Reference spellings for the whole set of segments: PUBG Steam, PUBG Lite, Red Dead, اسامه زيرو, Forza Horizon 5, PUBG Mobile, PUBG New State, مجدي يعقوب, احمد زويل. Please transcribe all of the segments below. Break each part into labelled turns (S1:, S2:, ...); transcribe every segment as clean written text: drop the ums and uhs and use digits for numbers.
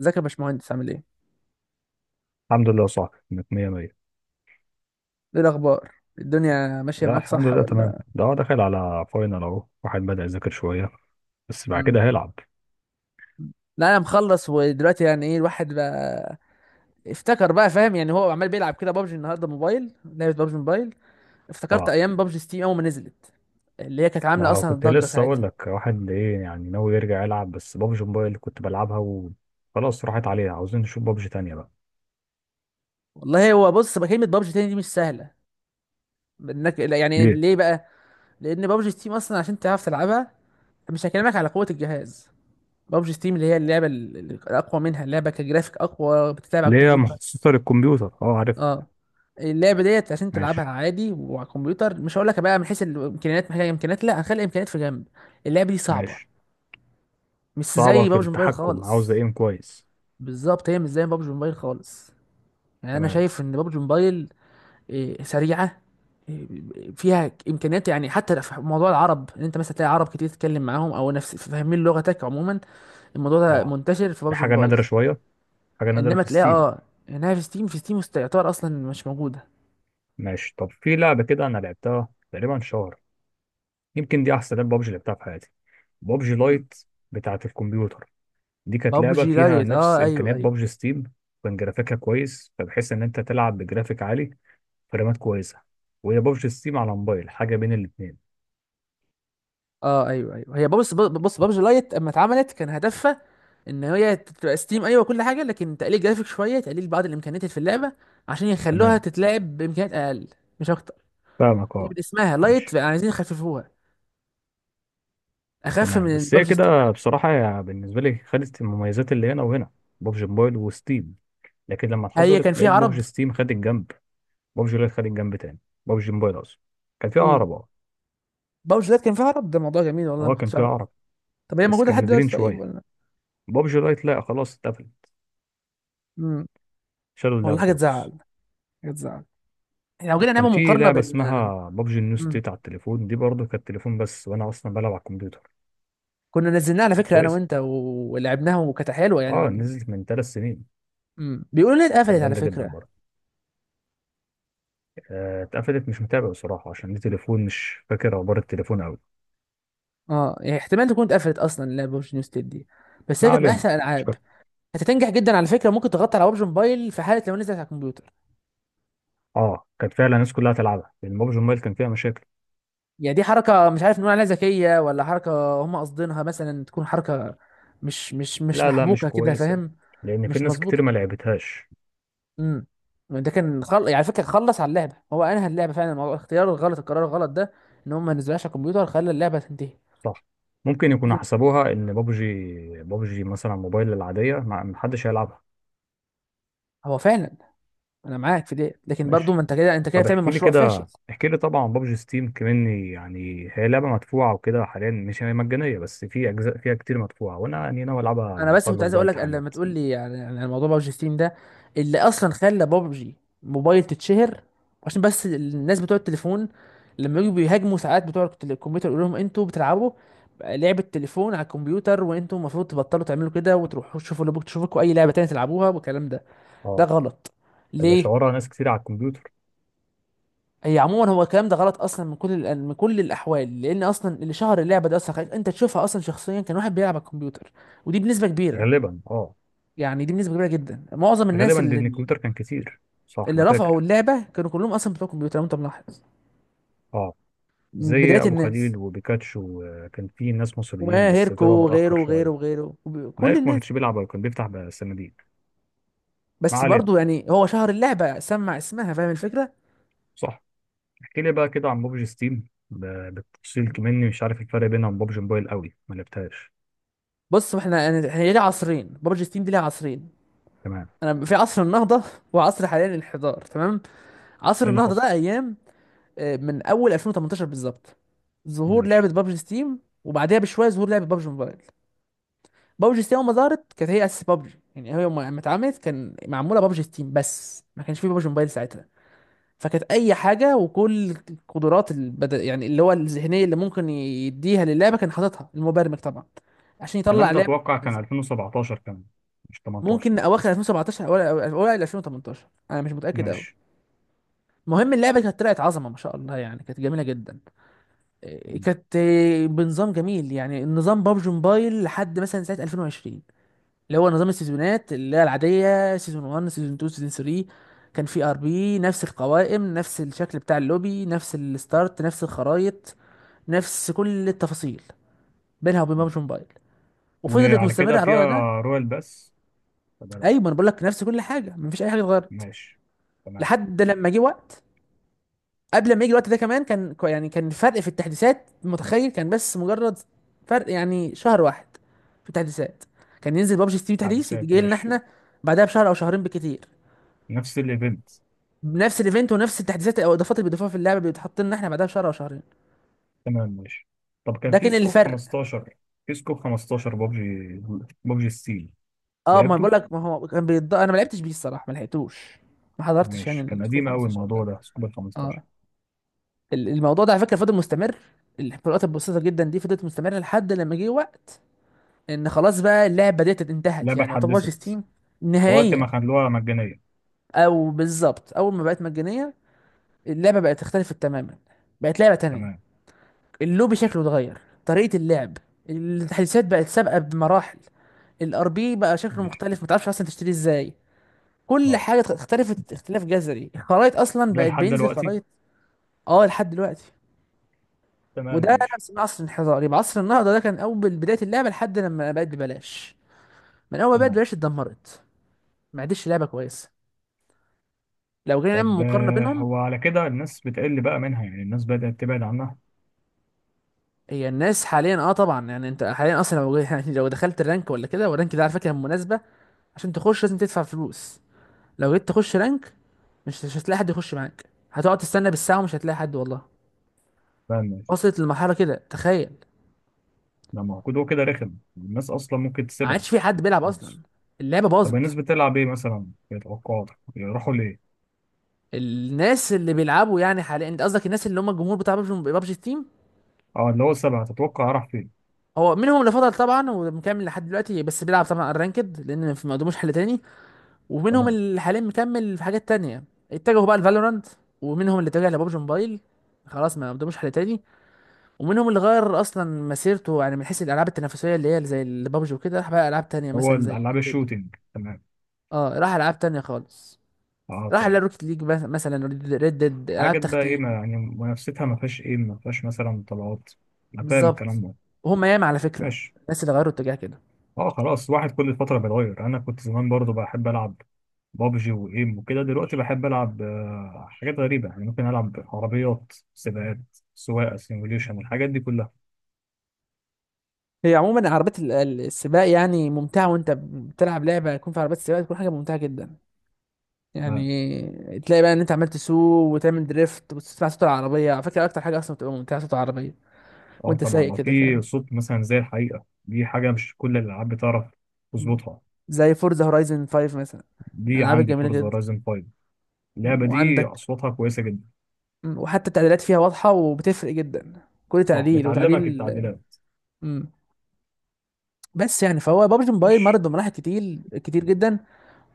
S1: ازيك يا باشمهندس، عامل ايه؟
S2: الحمد لله، صح كانت مية مية.
S1: ايه الاخبار؟ الدنيا ماشيه
S2: لا
S1: معاك
S2: الحمد
S1: صح
S2: لله تمام.
S1: ولا؟
S2: ده هو داخل على فاينل اهو، واحد بدأ يذاكر شوية بس بعد
S1: مم.
S2: كده هيلعب.
S1: لا، انا مخلص ودلوقتي، يعني ايه الواحد بقى؟ افتكر بقى فاهم، يعني هو عمال بيلعب كده بابجي النهارده، موبايل، لعبه بابجي موبايل. افتكرت
S2: طبعا.
S1: ايام بابجي ستيم اول ما نزلت، اللي هي كانت
S2: ما
S1: عامله
S2: هو
S1: اصلا
S2: كنت
S1: ضجه
S2: لسه اقول
S1: ساعتها.
S2: لك، واحد ايه يعني ناوي يرجع يلعب، بس بابجي موبايل كنت بلعبها وخلاص راحت عليها، عاوزين نشوف بابجي تانية بقى.
S1: والله هو بص بقى، كلمه بابجي تاني دي مش سهله انك لا، يعني
S2: ليه؟
S1: ليه بقى؟ لان بابجي ستيم اصلا عشان تعرف تلعبها، مش هكلمك على قوة الجهاز. بابجي ستيم اللي هي اللعبة الأقوى، منها اللعبة كجرافيك أقوى بتتلعب على
S2: ليه، يا
S1: الكمبيوتر.
S2: مخصصة للكمبيوتر؟ اه عارفها.
S1: اه، اللعبه ديت عشان تلعبها
S2: ماشي.
S1: عادي وعلى الكمبيوتر، مش هقول لك بقى من حيث الامكانيات، محتاجه امكانيات، لا هنخلي الامكانيات في جنب. اللعبه دي صعبه،
S2: ماشي.
S1: مش
S2: صعبة
S1: زي
S2: في
S1: بابجي موبايل
S2: التحكم، عاوزة
S1: خالص.
S2: ايم كويس.
S1: بالظبط، هي مش زي بابجي موبايل خالص. يعني انا
S2: تمام.
S1: شايف ان بابجي موبايل سريعه، إيه، فيها امكانيات. يعني حتى في موضوع العرب، ان انت مثلا تلاقي عرب كتير تتكلم معاهم او نفس فاهمين لغتك عموما. الموضوع ده
S2: اه.
S1: منتشر في
S2: دي
S1: بابجي
S2: حاجة
S1: موبايل.
S2: نادرة شوية، حاجة نادرة
S1: انما
S2: في
S1: تلاقي
S2: ستيم.
S1: اه انها في ستيم، في ستيم يعتبر اصلا مش موجوده.
S2: ماشي، طب في لعبة كده انا لعبتها تقريبا شهر، يمكن دي احسن لعبة بابجي لعبتها في حياتي، بابجي
S1: مم.
S2: لايت، بتاعة الكمبيوتر. دي كانت لعبة
S1: بابجي
S2: فيها
S1: لايت،
S2: نفس
S1: اه ايوه
S2: إمكانيات
S1: ايوه.
S2: بابجي ستيم. كان جرافيكها كويس، فبحيث إن أنت تلعب بجرافيك عالي، فرامات كويسة. وهي بابجي ستيم على موبايل حاجة بين الاتنين.
S1: اه ايوه ايوه، هي بص بص، بابجي لايت اما اتعملت كان هدفها ان هي تبقى ستيم، ايوه كل حاجه، لكن تقليل جرافيك شويه، تقليل بعض الامكانيات اللي في اللعبه، عشان يخلوها
S2: تمام،
S1: تتلعب بامكانيات اقل. مش اكتر.
S2: فاهمك
S1: دي
S2: أه.
S1: من اسمها لايت،
S2: ماشي،
S1: عايزين يخففوها اخف
S2: تمام.
S1: من
S2: بس هي
S1: بابجي ستيم اللي
S2: كده
S1: عليها.
S2: بصراحة، بالنسبة لي خدت المميزات اللي هنا وهنا، بابجي موبايل وستيم، لكن لما
S1: هي كان
S2: اتحصلت
S1: فيها
S2: لقيت
S1: عرب.
S2: بابجي ستيم خد الجنب، بابجي لايت خد الجنب تاني. بابجي موبايل أصلا كان فيها
S1: امم
S2: عرب أه.
S1: بابجي لايت كان فيها عرب، ده موضوع جميل والله ما
S2: أه كان
S1: كنتش
S2: فيها
S1: اعرف.
S2: عرب،
S1: طب هي
S2: بس
S1: موجوده
S2: كان
S1: لحد
S2: نادرين
S1: دلوقتي طيب
S2: شوية.
S1: ولا؟
S2: بابجي لايت لا خلاص اتقفل،
S1: امم
S2: شالوا
S1: والله
S2: اللعبة
S1: حاجه تزعل.
S2: خالص.
S1: حاجه تزعل. إحنا لو جينا
S2: يعني كان
S1: نعمل
S2: في
S1: مقارنه
S2: لعبة
S1: بين.
S2: اسمها بابجي نيو
S1: مم.
S2: ستيت على التليفون، دي برضه كانت تليفون بس وأنا أصلا بلعب على الكمبيوتر.
S1: كنا نزلناها على
S2: كانت
S1: فكره انا
S2: كويسة،
S1: وانت ولعبناها، وكانت حلوه
S2: اه
S1: يعني.
S2: نزلت من ثلاث سنين،
S1: بيقولوا انها
S2: كانت
S1: اتقفلت على
S2: جامدة جدا
S1: فكره.
S2: برضه. اتقفلت، مش متابع بصراحة عشان دي تليفون مش فاكر أخبار التليفون أوي.
S1: اه، يعني احتمال تكون اتقفلت اصلا اللعبه، ببجي نيو ستيت دي، بس
S2: ما
S1: هي كانت من
S2: علينا،
S1: احسن
S2: مش
S1: الالعاب.
S2: فاكر.
S1: هتنجح جدا على فكره، ممكن تغطي على ببجي موبايل في حاله لو نزلت على الكمبيوتر.
S2: اه كانت فعلا الناس كلها تلعبها، لأن بابجي موبايل كان فيها مشاكل.
S1: يعني دي حركه مش عارف نقول عليها ذكيه ولا حركه هم قاصدينها، مثلا تكون حركه مش
S2: لا لا، مش
S1: محبوكه كده،
S2: كويسة،
S1: فاهم؟
S2: لأن في
S1: مش
S2: ناس كتير ما
S1: مظبوطه.
S2: لعبتهاش.
S1: امم ده كان يعني على فكره خلص على اللعبه، هو انهى اللعبه فعلا موضوع الاختيار الغلط، القرار الغلط ده، ان هم ما نزلوهاش على الكمبيوتر، خلى اللعبه تنتهي.
S2: صح، ممكن يكونوا حسبوها إن بابجي، بابجي مثلا موبايل العادية ما حدش هيلعبها.
S1: هو فعلا، انا معاك في دي، لكن برضو
S2: ماشي،
S1: ما انت كده، انت كده
S2: طب
S1: بتعمل
S2: احكي لي
S1: مشروع فاشل.
S2: كده، احكي لي طبعا بابجي ستيم كمان، يعني هي لعبه مدفوعه وكده، حاليا مش هي مجانيه بس في اجزاء فيها كتير مدفوعه، وانا يعني ناوي العبها
S1: انا
S2: لما
S1: بس كنت
S2: اخلص
S1: عايز
S2: بقى
S1: اقول لك، لما
S2: امتحانات.
S1: تقول لي يعني، الموضوع بابجي ستيم ده اللي اصلا خلى بابجي موبايل تتشهر، عشان بس الناس بتوع التليفون لما يجوا بيهاجموا ساعات بتوع الكمبيوتر، يقول لهم انتوا بتلعبوا لعبة تليفون على الكمبيوتر، وانتم المفروض تبطلوا تعملوا كده وتروحوا تشوفوا اللي تشوفوا، اي لعبة تانية تلعبوها والكلام ده. ده
S2: اه.
S1: غلط.
S2: ده
S1: ليه؟
S2: شغلها ناس كتير على الكمبيوتر.
S1: هي عموما هو الكلام ده غلط اصلا من كل من كل الاحوال، لان اصلا اللي شهر اللعبه دي اصلا، خليك انت تشوفها اصلا شخصيا، كان واحد بيلعب على الكمبيوتر، ودي بنسبه كبيره.
S2: غالبا اه.
S1: يعني دي بنسبه كبيره جدا، معظم الناس
S2: غالبا
S1: اللي
S2: لان الكمبيوتر كان كتير. صح
S1: اللي
S2: انا
S1: رفعوا
S2: فاكر.
S1: اللعبه كانوا كلهم اصلا بتوع كمبيوتر، لو انت ملاحظ،
S2: اه
S1: من
S2: زي
S1: بدايه
S2: ابو
S1: الناس،
S2: خليل وبيكاتشو، وكان في ناس مصريين
S1: وما
S2: بس
S1: هيركو
S2: طلعوا
S1: وغيره
S2: متاخر
S1: وغيره
S2: شويه.
S1: وغيره كل
S2: مالك ما
S1: الناس.
S2: كانش بيلعب أو كان بيفتح بقى الصناديق. ما
S1: بس
S2: علينا،
S1: برضو يعني هو شهر اللعبه سمع اسمها، فاهم الفكره.
S2: صح. احكي لي بقى كده عن بوبجي ستيم بالتفصيل كمني، مش عارف الفرق بينها وبين بوبجي موبايل قوي، ما لعبتهاش.
S1: بص احنا يعني، احنا ليه عصرين بابجي ستيم؟ دي ليها عصرين.
S2: تمام.
S1: انا في عصر النهضه، وعصر حاليا الانحدار، تمام.
S2: ايه
S1: عصر
S2: اللي
S1: النهضه
S2: حصل؟
S1: ده ايام، من اول 2018 بالظبط، ظهور لعبه
S2: ماشي.
S1: بابجي ستيم وبعدها بشويه ظهور لعبه بابجي موبايل. بابجي ستيم اول ما ظهرت كانت هي اساس بابجي، يعني هي يوم ما اتعملت كان معموله بابجي ستيم بس، ما كانش في بابجي موبايل ساعتها. فكانت اي حاجه وكل القدرات يعني اللي هو الذهنيه اللي ممكن يديها للعبه، كان حاططها المبرمج طبعا عشان يطلع
S2: الكلام ده
S1: لعبه.
S2: اتوقع كان 2017 كمان، مش 18.
S1: ممكن اواخر 2017، اوائل 2018، انا مش متاكد قوي.
S2: ماشي.
S1: المهم اللعبه كانت طلعت عظمه ما شاء الله، يعني كانت جميله جدا.
S2: مم.
S1: كانت بنظام جميل، يعني النظام بابجي موبايل لحد مثلا سنه 2020 اللي هو نظام السيزونات، اللي هي العادية، سيزون 1، سيزون 2، سيزون 3. كان في ار بي، نفس القوائم، نفس الشكل بتاع اللوبي، نفس الستارت، نفس الخرايط، نفس كل التفاصيل بينها وبين بابجي موبايل، وفضلت
S2: وعلى
S1: مستمرة
S2: كده
S1: على
S2: فيها
S1: الوضع ده.
S2: رويال بس ولا لا؟
S1: ايوه ما انا بقول لك، نفس كل حاجة، مفيش اي حاجة اتغيرت
S2: ماشي، تمام.
S1: لحد لما جه وقت. قبل ما يجي الوقت ده كمان كان يعني كان الفرق في التحديثات، متخيل كان بس مجرد فرق يعني شهر واحد في التحديثات. كان ينزل بابجي ستيم تحديث
S2: تحديثات،
S1: يجي لنا
S2: ماشي.
S1: احنا بعدها بشهر او شهرين بالكتير،
S2: نفس الايفنت.
S1: نفس الايفنت ونفس التحديثات او الاضافات اللي بيضيفوها في اللعبه بيتحط لنا احنا بعدها بشهر او شهرين.
S2: تمام ماشي، طب كان
S1: ده
S2: في
S1: كان
S2: سكوب
S1: الفرق.
S2: 15، في سكوب 15 ببجي، ببجي ستيل.
S1: اه ما بقول
S2: لعبته.
S1: لك، ما هو كان انا ما لعبتش بيه الصراحه، ما لحقتوش. ما حضرتش يعني
S2: ماشي، كان
S1: الاسبوع
S2: قديم قوي
S1: 15
S2: الموضوع
S1: ده.
S2: ده سكوب ال 15.
S1: اه، الموضوع ده على فكره فضل مستمر. الفروقات البسيطه جدا دي فضلت مستمره لحد لما جه وقت ان خلاص بقى اللعبه ديت انتهت،
S2: لعبه
S1: يعني يعتبر
S2: اتحدثت
S1: ستيم
S2: وقت
S1: نهائيا،
S2: ما خلوها مجانية.
S1: او بالظبط اول ما بقت مجانيه اللعبه بقت اختلفت تماما، بقت لعبه تانية.
S2: تمام.
S1: اللوبي شكله اتغير، طريقة اللعب، التحديثات بقت سابقة بمراحل، الار بي بقى شكله
S2: ماشي.
S1: مختلف ما تعرفش اصلا تشتريه ازاي، كل
S2: اه.
S1: حاجة اختلفت اختلاف جذري، الخرايط اصلا
S2: ده
S1: بقت
S2: لحد
S1: بينزل
S2: دلوقتي.
S1: خرايط. اه لحد دلوقتي.
S2: تمام
S1: وده
S2: ماشي.
S1: نفس من عصر الانحدار، يبقى عصر النهضة ده كان اول بداية اللعبة لحد لما بقت ببلاش. من اول ما بقت
S2: تمام،
S1: ببلاش اتدمرت، ما عادش لعبة كويسة. لو جينا نعمل
S2: طب
S1: مقارنة بينهم.
S2: هو على كده الناس بتقل بقى منها، يعني الناس بدأت تبعد عنها.
S1: هي الناس حاليا اه طبعا، يعني انت حاليا اصلا لو يعني لو دخلت الرانك ولا كده، والرانك ده على فكرة مناسبة، عشان تخش لازم تدفع فلوس. لو جيت تخش رانك، مش هتلاقي حد يخش معاك، هتقعد تستنى بالساعة ومش هتلاقي حد والله.
S2: تمام ماشي.
S1: وصلت لمرحلة كده، تخيل.
S2: لما موجود هو كده رخم الناس أصلا ممكن
S1: ما
S2: تسيبها.
S1: عادش في حد بيلعب أصلا،
S2: خالص.
S1: اللعبة
S2: طب الناس
S1: باظت.
S2: بتلعب إيه مثلا في توقعاتك، يروحوا ليه؟
S1: الناس اللي بيلعبوا يعني حاليا، انت قصدك الناس اللي هم الجمهور بتاع ببجي تيم.
S2: اه اللي هو السبعة تتوقع راح فين.
S1: هو منهم اللي فضل طبعا ومكمل لحد دلوقتي، بس بيلعب طبعا الرانكد لان ما قدموش حل تاني. ومنهم
S2: تمام.
S1: اللي حاليا مكمل في حاجات تانية، اتجهوا بقى لفالورانت. ومنهم اللي اتجه لببجي موبايل، خلاص ما قدموش حل تاني. ومنهم اللي غير اصلا مسيرته، يعني من حيث الالعاب التنافسيه اللي هي زي البابجي وكده، راح بقى العاب تانية
S2: هو
S1: مثلا زي
S2: الألعاب
S1: Red Dead.
S2: الشوتينج. تمام.
S1: اه راح العاب تانية خالص.
S2: اه
S1: راح
S2: فاهم.
S1: لروكيت ليج مثلا، ريد ديد، العاب
S2: حاجات بقى إيه ما
S1: تختيم.
S2: يعني منافستها، ما فيهاش إيه ما فيهاش مثلا طلعات. أنا فاهم الكلام
S1: بالظبط.
S2: ده.
S1: وهم ياما على فكره
S2: ماشي.
S1: الناس اللي غيروا اتجاه كده.
S2: اه خلاص، واحد كل فترة بيتغير. انا كنت زمان برضو بحب العب بابجي وايم وكده، دلوقتي بحب العب حاجات غريبة، يعني ممكن العب عربيات سباقات، سواقة سيموليشن، الحاجات دي كلها.
S1: هي عموما عربيات السباق يعني ممتعه، وانت بتلعب لعبه يكون في عربيات سباق تكون حاجه ممتعه جدا.
S2: تمام.
S1: يعني تلاقي بقى ان انت عمال تسوق وتعمل دريفت وتسمع صوت العربيه، على فكره اكتر حاجه اصلا بتبقى ممتعه صوت العربيه
S2: اه
S1: وانت
S2: طبعا،
S1: سايق
S2: لو
S1: كده،
S2: في
S1: فاهم؟
S2: صوت مثلا زي الحقيقة، دي حاجة مش كل الالعاب بتعرف
S1: مم.
S2: تظبطها.
S1: زي فورزا هورايزن 5 مثلا،
S2: دي
S1: الالعاب
S2: عندي
S1: الجميله
S2: فورزا
S1: جدا.
S2: رايزن 5.
S1: مم.
S2: اللعبة دي
S1: وعندك.
S2: اصواتها كويسة جدا.
S1: مم. وحتى التعديلات فيها واضحه وبتفرق جدا، كل
S2: صح
S1: تعديل
S2: بتعلمك
S1: وتعديل.
S2: التعديلات.
S1: مم. بس يعني فهو بابجي موبايل
S2: ماشي.
S1: مرت بمراحل كتير كتير جدا.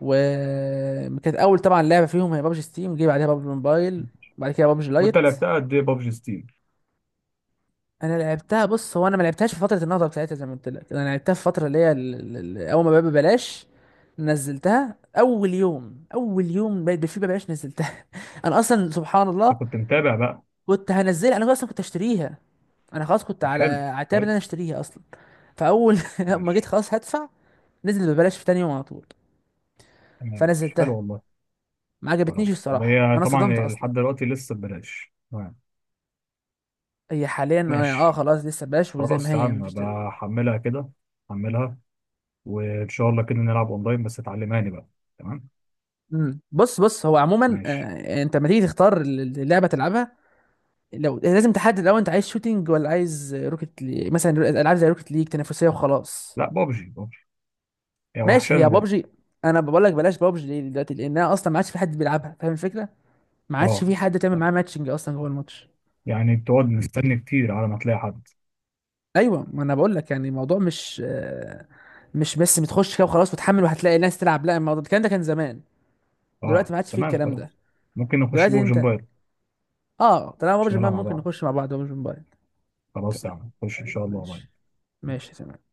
S1: وكانت اول طبعا لعبه فيهم هي بابجي ستيم، جه بعدها بابجي موبايل، وبعد كده بابجي
S2: وانت
S1: لايت.
S2: لعبتها قد ايه بابجي ستيم؟
S1: انا لعبتها بص، هو انا ما لعبتهاش في فتره النهضه بتاعتها زي ما قلت لك، انا لعبتها في فتره اللي هي اول ما بقى ببلاش. نزلتها اول يوم، اول يوم بقت بفي ببلاش نزلتها. انا اصلا سبحان الله
S2: انت كنت متابع بقى؟
S1: كنت هنزلها، انا اصلا كنت اشتريها، انا خلاص كنت
S2: طب
S1: على
S2: حلو.
S1: عتاب ان انا
S2: كويس.
S1: اشتريها اصلا. فاول لما جيت
S2: ماشي
S1: خلاص هدفع، نزل ببلاش في تاني يوم على طول،
S2: تمام. ماشي،
S1: فنزلتها.
S2: حلو والله.
S1: ما عجبتنيش
S2: خلاص، طب
S1: الصراحه،
S2: هي
S1: انا صدمت
S2: طبعا
S1: اصلا.
S2: لحد دلوقتي لسه ببلاش؟ تمام
S1: هي حاليا
S2: ماشي.
S1: خلاص لسه ببلاش، وزي ما
S2: خلاص يا
S1: هي
S2: عم
S1: مفيش تغيير.
S2: بحملها كده، حملها، وان شاء الله كده نلعب اونلاين بس تعلمهاني بقى. تمام
S1: بص بص، هو عموما
S2: ماشي.
S1: انت لما تيجي تختار اللعبه تلعبها، لو لازم تحدد الاول انت عايز شوتينج ولا عايز مثلا العاب زي روكت ليج تنافسيه وخلاص.
S2: لا بابجي، بابجي هي
S1: ماشي
S2: وحشاني
S1: هي
S2: برضه.
S1: بابجي. انا بقول لك بلاش بابجي ليه دلوقتي؟ لانها اصلا ما عادش في حد بيلعبها، فاهم الفكره؟ ما عادش
S2: اه.
S1: في حد تعمل
S2: طب،
S1: معاه ماتشنج اصلا جوه الماتش.
S2: يعني بتقعد مستني كتير على ما تلاقي حد؟
S1: ايوه ما انا بقول لك، يعني الموضوع مش مش بس بتخش كده وخلاص وتحمل وهتلاقي ناس تلعب، لا الموضوع الكلام ده كان زمان، دلوقتي
S2: اه
S1: ما عادش فيه
S2: تمام
S1: الكلام ده.
S2: خلاص. ممكن نخش
S1: دلوقتي
S2: بابجي
S1: انت،
S2: موبايل
S1: اه طالما بابجي
S2: عشان
S1: موبايل
S2: نلعب مع
S1: ممكن
S2: بعض.
S1: نخش مع بعض بابجي موبايل.
S2: خلاص يا عم نخش ان شاء الله.
S1: ماشي. ماشي تمام.